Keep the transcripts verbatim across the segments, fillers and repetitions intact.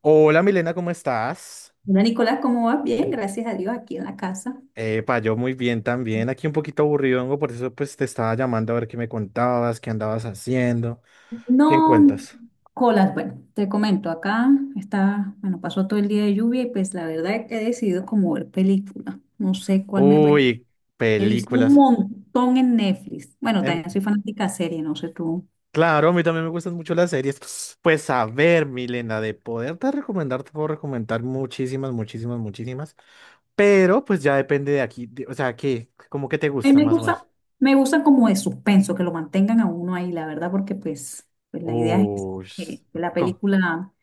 Hola Milena, ¿cómo estás? Hola Nicolás, ¿cómo vas? Bien, gracias a Dios, aquí en la casa. Epa, yo muy bien también, aquí un poquito aburrido, vengo, por eso pues te estaba llamando a ver qué me contabas, qué andabas haciendo. ¿Qué No, cuentas? Nicolás, bueno, te comento, acá está, bueno, pasó todo el día de lluvia y pues la verdad es que he decidido como ver película. No sé cuál me... rec- Uy, He visto un películas. montón en Netflix. Bueno, En- también soy fanática de serie, no sé tú. claro, a mí también me gustan mucho las series. Pues a ver, Milena, de poderte recomendar, te puedo recomendar muchísimas, muchísimas, muchísimas, pero pues ya depende de aquí, de- o sea, ¿qué? ¿Cómo que te A mí gusta me más o menos? gusta, me gusta como de suspenso, que lo mantengan a uno ahí, la verdad, porque pues, pues la idea es Uy, que que la ¿cómo? película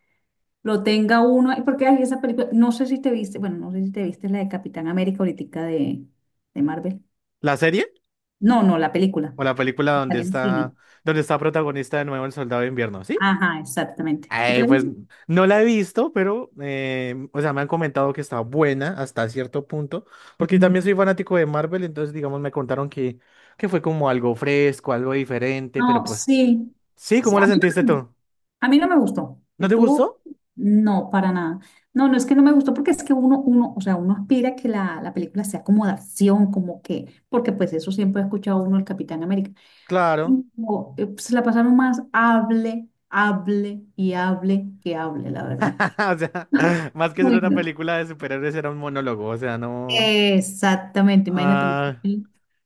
lo tenga uno, ay, porque hay esa película, no sé si te viste, bueno, no sé si te viste la de Capitán América ahorita de, de Marvel. ¿La serie? No, no, la película, O la película donde salió en cine. está, donde está protagonista de nuevo el Soldado de Invierno, ¿sí? Ajá, exactamente. ¿Sí te Eh, la Pues viste? no la he visto, pero, eh, o sea, me han comentado que está buena hasta cierto punto, porque también Mm. soy fanático de Marvel. Entonces, digamos, me contaron que, que fue como algo fresco, algo diferente, pero No, pues sí. sí, Sí, ¿cómo a la mí sentiste no, me gustó. tú? A mí no me gustó. ¿No ¿Y te tú? gustó? No, para nada. No, no es que no me gustó, porque es que uno, uno, o sea, uno aspira a que la, la película sea como de acción, como que, porque pues eso siempre ha escuchado uno el Capitán América. Claro. No, eh, se la pasaron más hable, hable y hable que hable, la verdad. O sea, más que ser una Bueno, película de superhéroes, era un monólogo, o sea, no. exactamente, imagínate, Ah,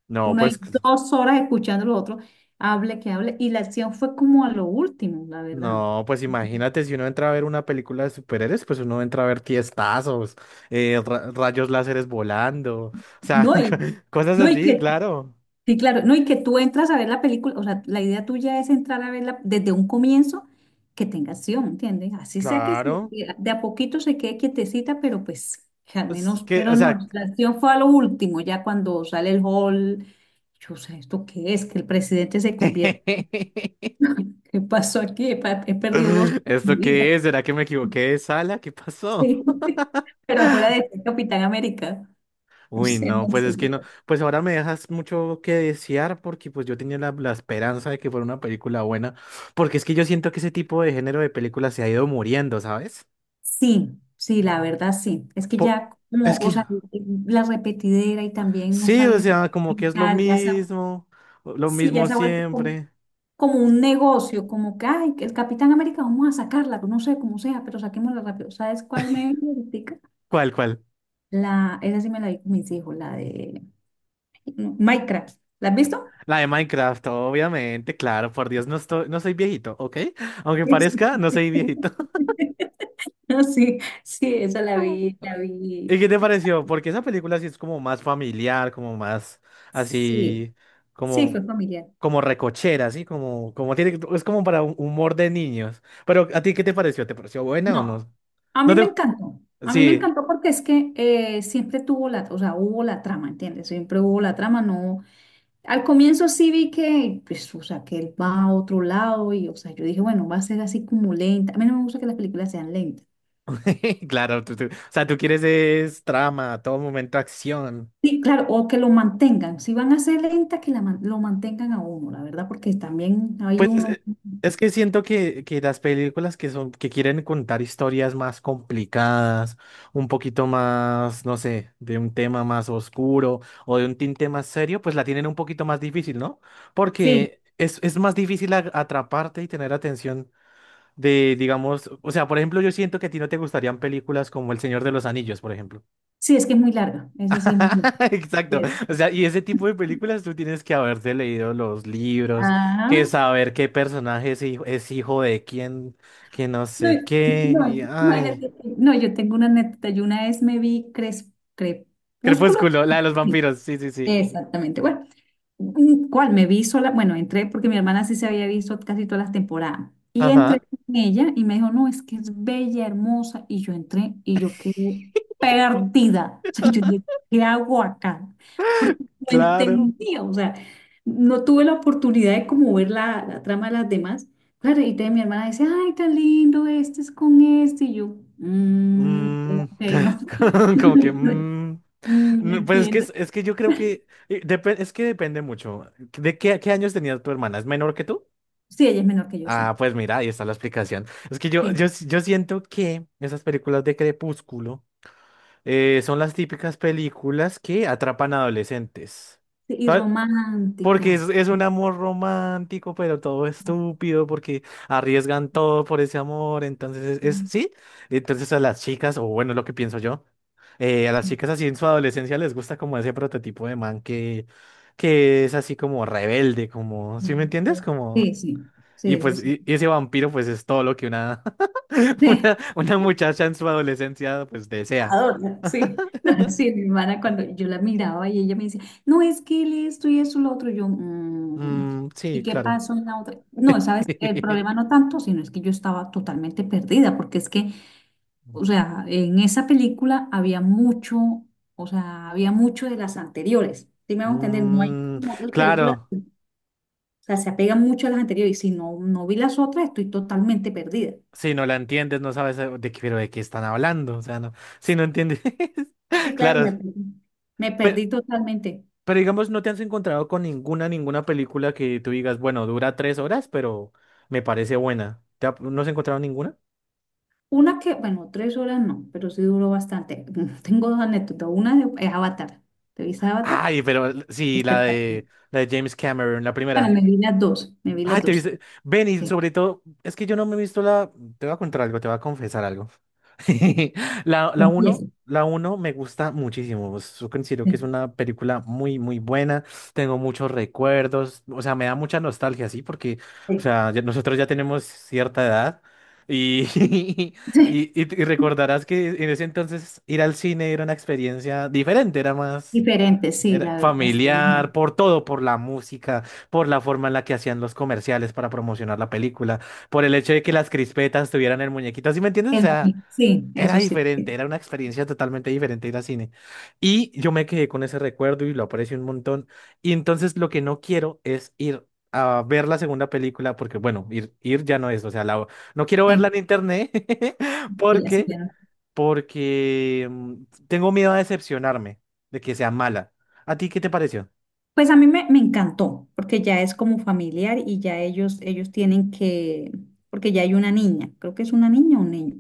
no, uno hay pues. dos horas escuchando lo otro, hable que hable, y la acción fue como a lo último, la verdad. No, pues imagínate, si uno entra a ver una película de superhéroes, pues uno entra a ver tiestazos, eh, ra- rayos láseres volando, o sea, No, y, cosas no, y así, que claro, sí, claro. No, y que tú entras a ver la película, o sea, la idea tuya es entrar a verla desde un comienzo que tenga acción, ¿entiendes? Así sea que se- claro. que de a poquito se quede quietecita, pero pues que al Pues menos, que, o pero no, sea, la acción fue a lo último, ya cuando sale el hall, yo sé, ¿esto qué es? Que el presidente se convierte, ¿qué pasó aquí? He, pa- he perdido dos de ¿esto vida. qué es? ¿Será que me equivoqué de sala? ¿Qué pasó? Sí, pero afuera de este Capitán América, no Uy, sé, no, no pues es sé. que no, pues ahora me dejas mucho que desear porque pues yo tenía la, la esperanza de que fuera una película buena, porque es que yo siento que ese tipo de género de películas se ha ido muriendo, ¿sabes? Sí, sí, la verdad sí. Es que Po- ya es como, o que sea, la repetidera y también no sí, o saben sea, como que es lo pintar, ya se, ha- mismo, lo sí, ya mismo se ha vuelto como, siempre. como un negocio, como que, ay, que el Capitán América, vamos a sacarla, no sé cómo sea, pero saquémosla rápido. ¿Sabes cuál me vi ahoritica? ¿Cuál, cuál? La, esa sí me la vi con mis hijos, la de no, Minecraft. ¿La has visto? La de Minecraft, obviamente, claro, por Dios, no estoy, no soy viejito, ¿ok? Aunque Sí. Sí, parezca, no soy viejito. sí, sí, esa la vi, la vi. ¿Y qué te pareció? Porque esa película sí es como más familiar, como más Sí, así, sí, como, fue familiar. como recochera, así, como, como tiene, es como para un humor de niños. Pero, ¿a ti qué te pareció? ¿Te pareció buena o No, no? a No mí me te, encantó. A mí me sí. encantó, porque es que eh, siempre tuvo la, o sea, hubo la trama, ¿entiendes? Siempre hubo la trama, no. Al comienzo sí vi que, pues, o sea, que él va a otro lado y, o sea, yo dije, bueno, va a ser así como lenta. A mí no me gusta que las películas sean lentas. Claro, tú- tú- o sea, tú quieres es trama, a todo momento acción. Sí, claro, o que lo mantengan. Si van a ser lentas, que la man- lo mantengan a uno, la verdad, porque también hay Pues es, uno. eh, es que siento que, que las películas que son, que quieren contar historias más complicadas, un poquito más, no sé, de un tema más oscuro o de un tinte más serio, pues la tienen un poquito más difícil, ¿no? Sí, Porque es, es más difícil a- atraparte y tener atención de, digamos, o sea, por ejemplo, yo siento que a ti no te gustarían películas como El Señor de los Anillos, por ejemplo. sí, es que es muy larga. Esa sí es muy larga. Sí, Exacto. es. O sea, y ese tipo de películas tú tienes que haberte leído los libros, Ajá, que saber qué personaje es hijo, es hijo de quién, que no no, sé qué. Y, no, imagínate. ay, que- No, yo tengo una anécdota. Yo una vez me vi Cres- Crepúsculo. Crepúsculo, la de los Sí, vampiros. Sí, sí, sí. exactamente. Bueno, mm, ¿cuál? Me vi sola, bueno, entré porque mi hermana sí se había visto casi todas las temporadas. Y entré Ajá, con ella y me dijo, no, es que es bella, hermosa. Y yo entré y yo quedé perdida. O sea, yo dije, ¿qué hago acá? Porque no claro. entendía, o sea, no tuve la oportunidad de como ver la, la trama de las demás. Claro, y entonces mi hermana dice, ay, tan lindo, este es con este. Y yo, "Mm, Mm, ok, no." como que... mm. Mm, No, pues es que, entiendo. es, es que yo creo que... eh, depe- es que depende mucho. ¿De qué, qué años tenía tu hermana? ¿Es menor que tú? Sí, ella es menor que yo, sí. Ah, pues mira, ahí está la explicación. Es que yo, Sí. yo, yo siento que esas películas de Crepúsculo eh, son las típicas películas que atrapan adolescentes. Sí, y ¿Sabes? Porque es, románticas. es un amor romántico, pero todo estúpido, porque arriesgan todo por ese amor. Entonces, es, es- sí. Entonces a las chicas, o bueno, lo que pienso yo, eh, a las chicas así en su adolescencia les gusta como ese prototipo de man que, que es así como rebelde, como, ¿sí me entiendes? Como... Sí, sí, sí, Y eso pues sí. y- y ese vampiro pues es todo lo que una, Sí, una, una muchacha en su adolescencia pues desea. adorno, sí. Sí, mi hermana, cuando yo la miraba y ella me decía, no, es que él esto y eso y lo otro, yo, "Mm, Mm, sí, ¿y qué claro. pasó en la otra?" No, sabes, el problema no tanto, sino es que yo estaba totalmente perdida, porque es que, o sea, en esa película había mucho, o sea, había mucho de las anteriores. ¿Sí me hago entender? No hay Mm, como otras películas. claro, O sea, se apegan mucho a las anteriores y si no, no vi las otras, estoy totalmente perdida. si no la entiendes, no sabes eh, de qué, pero de qué están hablando, o sea, no, si no entiendes, Sí, claro, claro, me, me pero, perdí totalmente. pero digamos, no te has encontrado con ninguna, ninguna película que tú digas, bueno, dura tres horas, pero me parece buena. ¿Te ha- no has encontrado ninguna? Una que, bueno, tres horas no, pero sí duró bastante. Tengo dos anécdotas. Una de- es Avatar. ¿Te viste Avatar? Ay, pero l- sí, la Espectacular. de, la de James Cameron, la Bueno, primera. me vi las dos, me vi Ay, las te dos. Sí, viste. Ven, y sí, sobre todo, es que yo no me he visto la. Te voy a contar algo, te voy a confesar algo. La, la confieso. uno la uno me gusta muchísimo. Yo considero que Sí, es una película muy, muy buena. Tengo muchos recuerdos. O sea, me da mucha nostalgia, sí, porque, o sí, sea, ya- nosotros ya tenemos cierta edad. Y, y, sí. y, y recordarás que en ese entonces ir al cine era una experiencia diferente, era más. Diferente, sí, Era la verdad, sí. El, familiar, muñe- por todo, por la música, por la forma en la que hacían los comerciales para promocionar la película, por el hecho de que las crispetas tuvieran el muñequito, ¿sí me entiendes? O el sea, muñe- sí, era eso sí. diferente, Sí, era una experiencia totalmente diferente ir al cine. Y yo me quedé con ese recuerdo y lo aprecio un montón. Y entonces lo que no quiero es ir a ver la segunda película, porque bueno, ir, ir ya no es, o sea, la, no quiero verla sí, en internet, sí, ya, sí, porque ya. No. porque mm, tengo miedo a decepcionarme de que sea mala. ¿A ti qué te pareció? Pues a mí me, me encantó, porque ya es como familiar y ya ellos, ellos tienen que, porque ya hay una niña, creo que es una niña o un niño.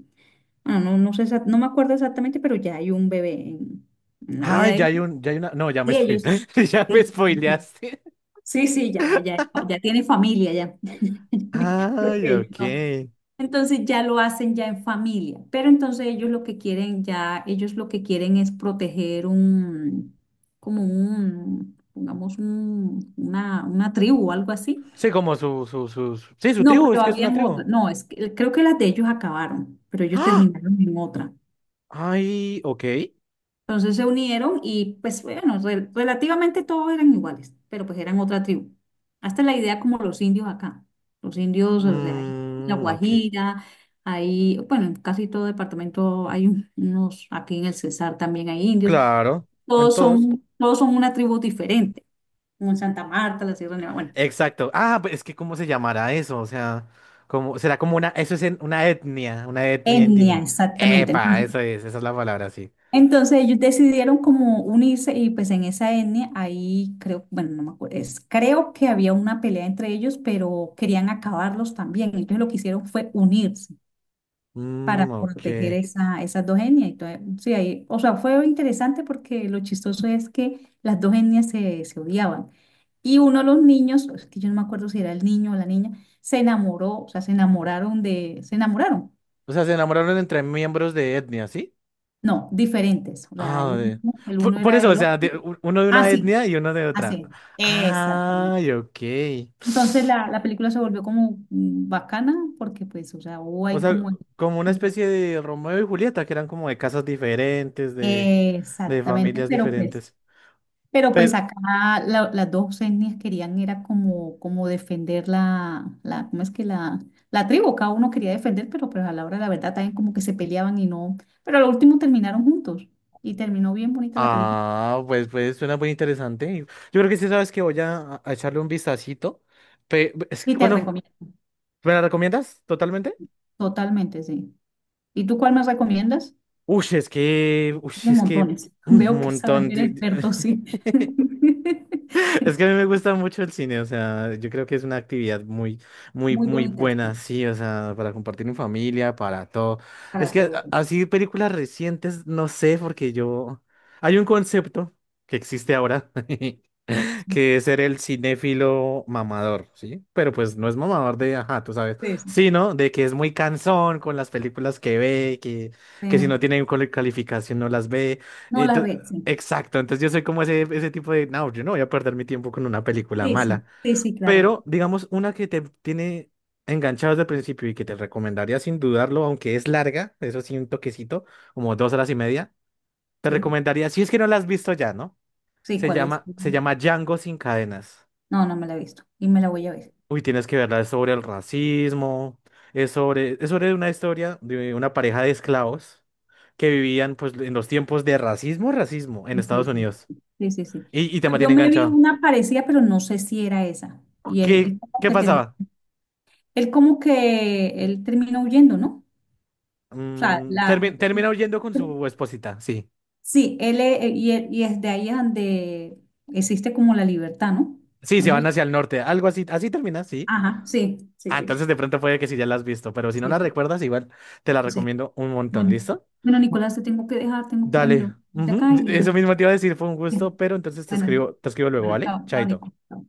Bueno, no, no sé, exact- no me acuerdo exactamente, pero ya hay un bebé en, en, la Ah, vida de ya ellos. hay un, ya hay una. No, ya me Sí, ellos. Sí, spoileaste. Ya me sí, sí, sí, spoileaste. sí, sí, ya, ya, ya tiene familia ya. Porque Ay, ellos ok. no- entonces ya lo hacen ya en familia, pero entonces ellos lo que quieren ya, ellos lo que quieren es proteger un, como un, pongamos un, una, una tribu o algo así. Sí, como su, su, sus. Sí, su No, tribu, es pero que es una habían otra, tribu. no, es que, creo que las de ellos acabaron, pero ellos ¡Ah! terminaron en otra. Ay, ok. Entonces se unieron y pues bueno, re- relativamente todos eran iguales, pero pues eran otra tribu. Hasta la idea como los indios acá. Los indios, o sea, hay en La Mm, ok. Guajira, hay, bueno, en casi todo departamento hay un- unos, aquí en el Cesar también hay indios. Claro, en Todos todos. son, todos son una tribu diferente, como en Santa Marta, la Sierra Nevada, bueno, Exacto. Ah, pues es que ¿cómo se llamará eso? O sea, como, será como una, eso es en- una etnia, una etnia etnia, indígena. exactamente. Epa, eso es, esa es la palabra, sí. Entonces ellos decidieron como unirse y pues en esa etnia ahí creo, bueno, no me acuerdo, es, creo que había una pelea entre ellos, pero querían acabarlos también. Entonces lo que hicieron fue unirse para Mm, proteger ok. esa, esas dos etnias. Entonces, sí, ahí, o sea, fue interesante porque lo chistoso es que las dos etnias se, se odiaban. Y uno de los niños, es que yo no me acuerdo si era el niño o la niña, se enamoró, o sea, se enamoraron de, se enamoraron. O sea, se enamoraron entre miembros de etnia, ¿sí? No, diferentes. O sea, el Ah, de- uno, el Por, uno por era eso, o del otro. sea, de- u- uno de Ah, una sí. etnia y uno de otra. Así, exactamente. Ay, ok. Entonces la, la película se volvió como mm, bacana, porque pues, o sea, hubo O ahí sea, como... como una como especie de Romeo y Julieta, que eran como de casas diferentes, de, de exactamente, familias pero pues, diferentes. pero pues Pero, acá la- las dos etnias querían era como, como defender la, la, ¿cómo es que la, la tribu? Cada uno quería defender, pero pues a la hora de la verdad también como que se peleaban y no, pero al último terminaron juntos y terminó bien bonita la película. ah, pues, pues suena muy interesante. Yo creo que sí, sabes que voy a, a echarle un vistacito. Pe- es- Y te ¿cuándo recomiendo, me la recomiendas totalmente? totalmente, sí. ¿Y tú cuál me recomiendas? Uy, es que, uy, De es que montones. un Veo que sabes, montón. eres De- de- experto, sí. Es que a mí me gusta mucho el cine, o sea, yo creo que es una actividad muy, muy, Muy muy bonitas, buena, sí, o sea, para compartir en familia, para todo. Es para que a- todo. así películas recientes, no sé, porque yo, hay un concepto que existe ahora que es ser el cinéfilo mamador, ¿sí? Pero pues no es mamador de, ajá, tú sabes, Sí, sí. sino de que es muy cansón con las películas que ve, que, Sí. que si no tienen cual- calificación no las ve. No la Ento- ve, sí. exacto, entonces yo soy como ese, ese tipo de, no, yo no voy a perder mi tiempo con una película Sí, sí, mala, sí, sí, claro. pero digamos una que te tiene enganchado desde el principio y que te recomendaría sin dudarlo, aunque es larga, eso sí, un toquecito, como dos horas y media, te Sí, recomendaría, si es que no la has visto ya, ¿no? sí, Se ¿cuál es? llama, se llama Django sin cadenas. No, no me la he visto y me la voy a ver. Uy, tienes que verla, es sobre el racismo, es sobre, es sobre una historia de una pareja de esclavos que vivían pues en los tiempos de racismo, racismo en Sí, sí, Estados sí, Unidos. sí, sí, sí. Y, y te Pero yo mantiene me vi enganchado. una parecida, pero no sé si era esa. Oh, Y él, ¿Qué, él como qué que termi- pasaba? él como que él termina huyendo, ¿no? O sea, Mm, la, termi- termina huyendo con su esposita, sí. sí, él e- y, e- y es de ahí es donde existe como la libertad, ¿no? Sí, No se van sé. hacia el norte, algo así, así termina, sí. Ajá, sí, sí, Ah, sí, entonces de pronto puede que sí ya la has visto, pero si no sí, la sí, recuerdas, igual te la sí. recomiendo un montón, Bueno, ¿listo? bueno, Nicolás, te tengo que dejar, tengo que ir a mirar Dale. de Ujú, acá eso y mismo te iba a decir, fue un y- gusto, pero entonces te bueno, escribo, te escribo luego, bueno, ¿vale? chao, chao, Chaito. Nico. Chao.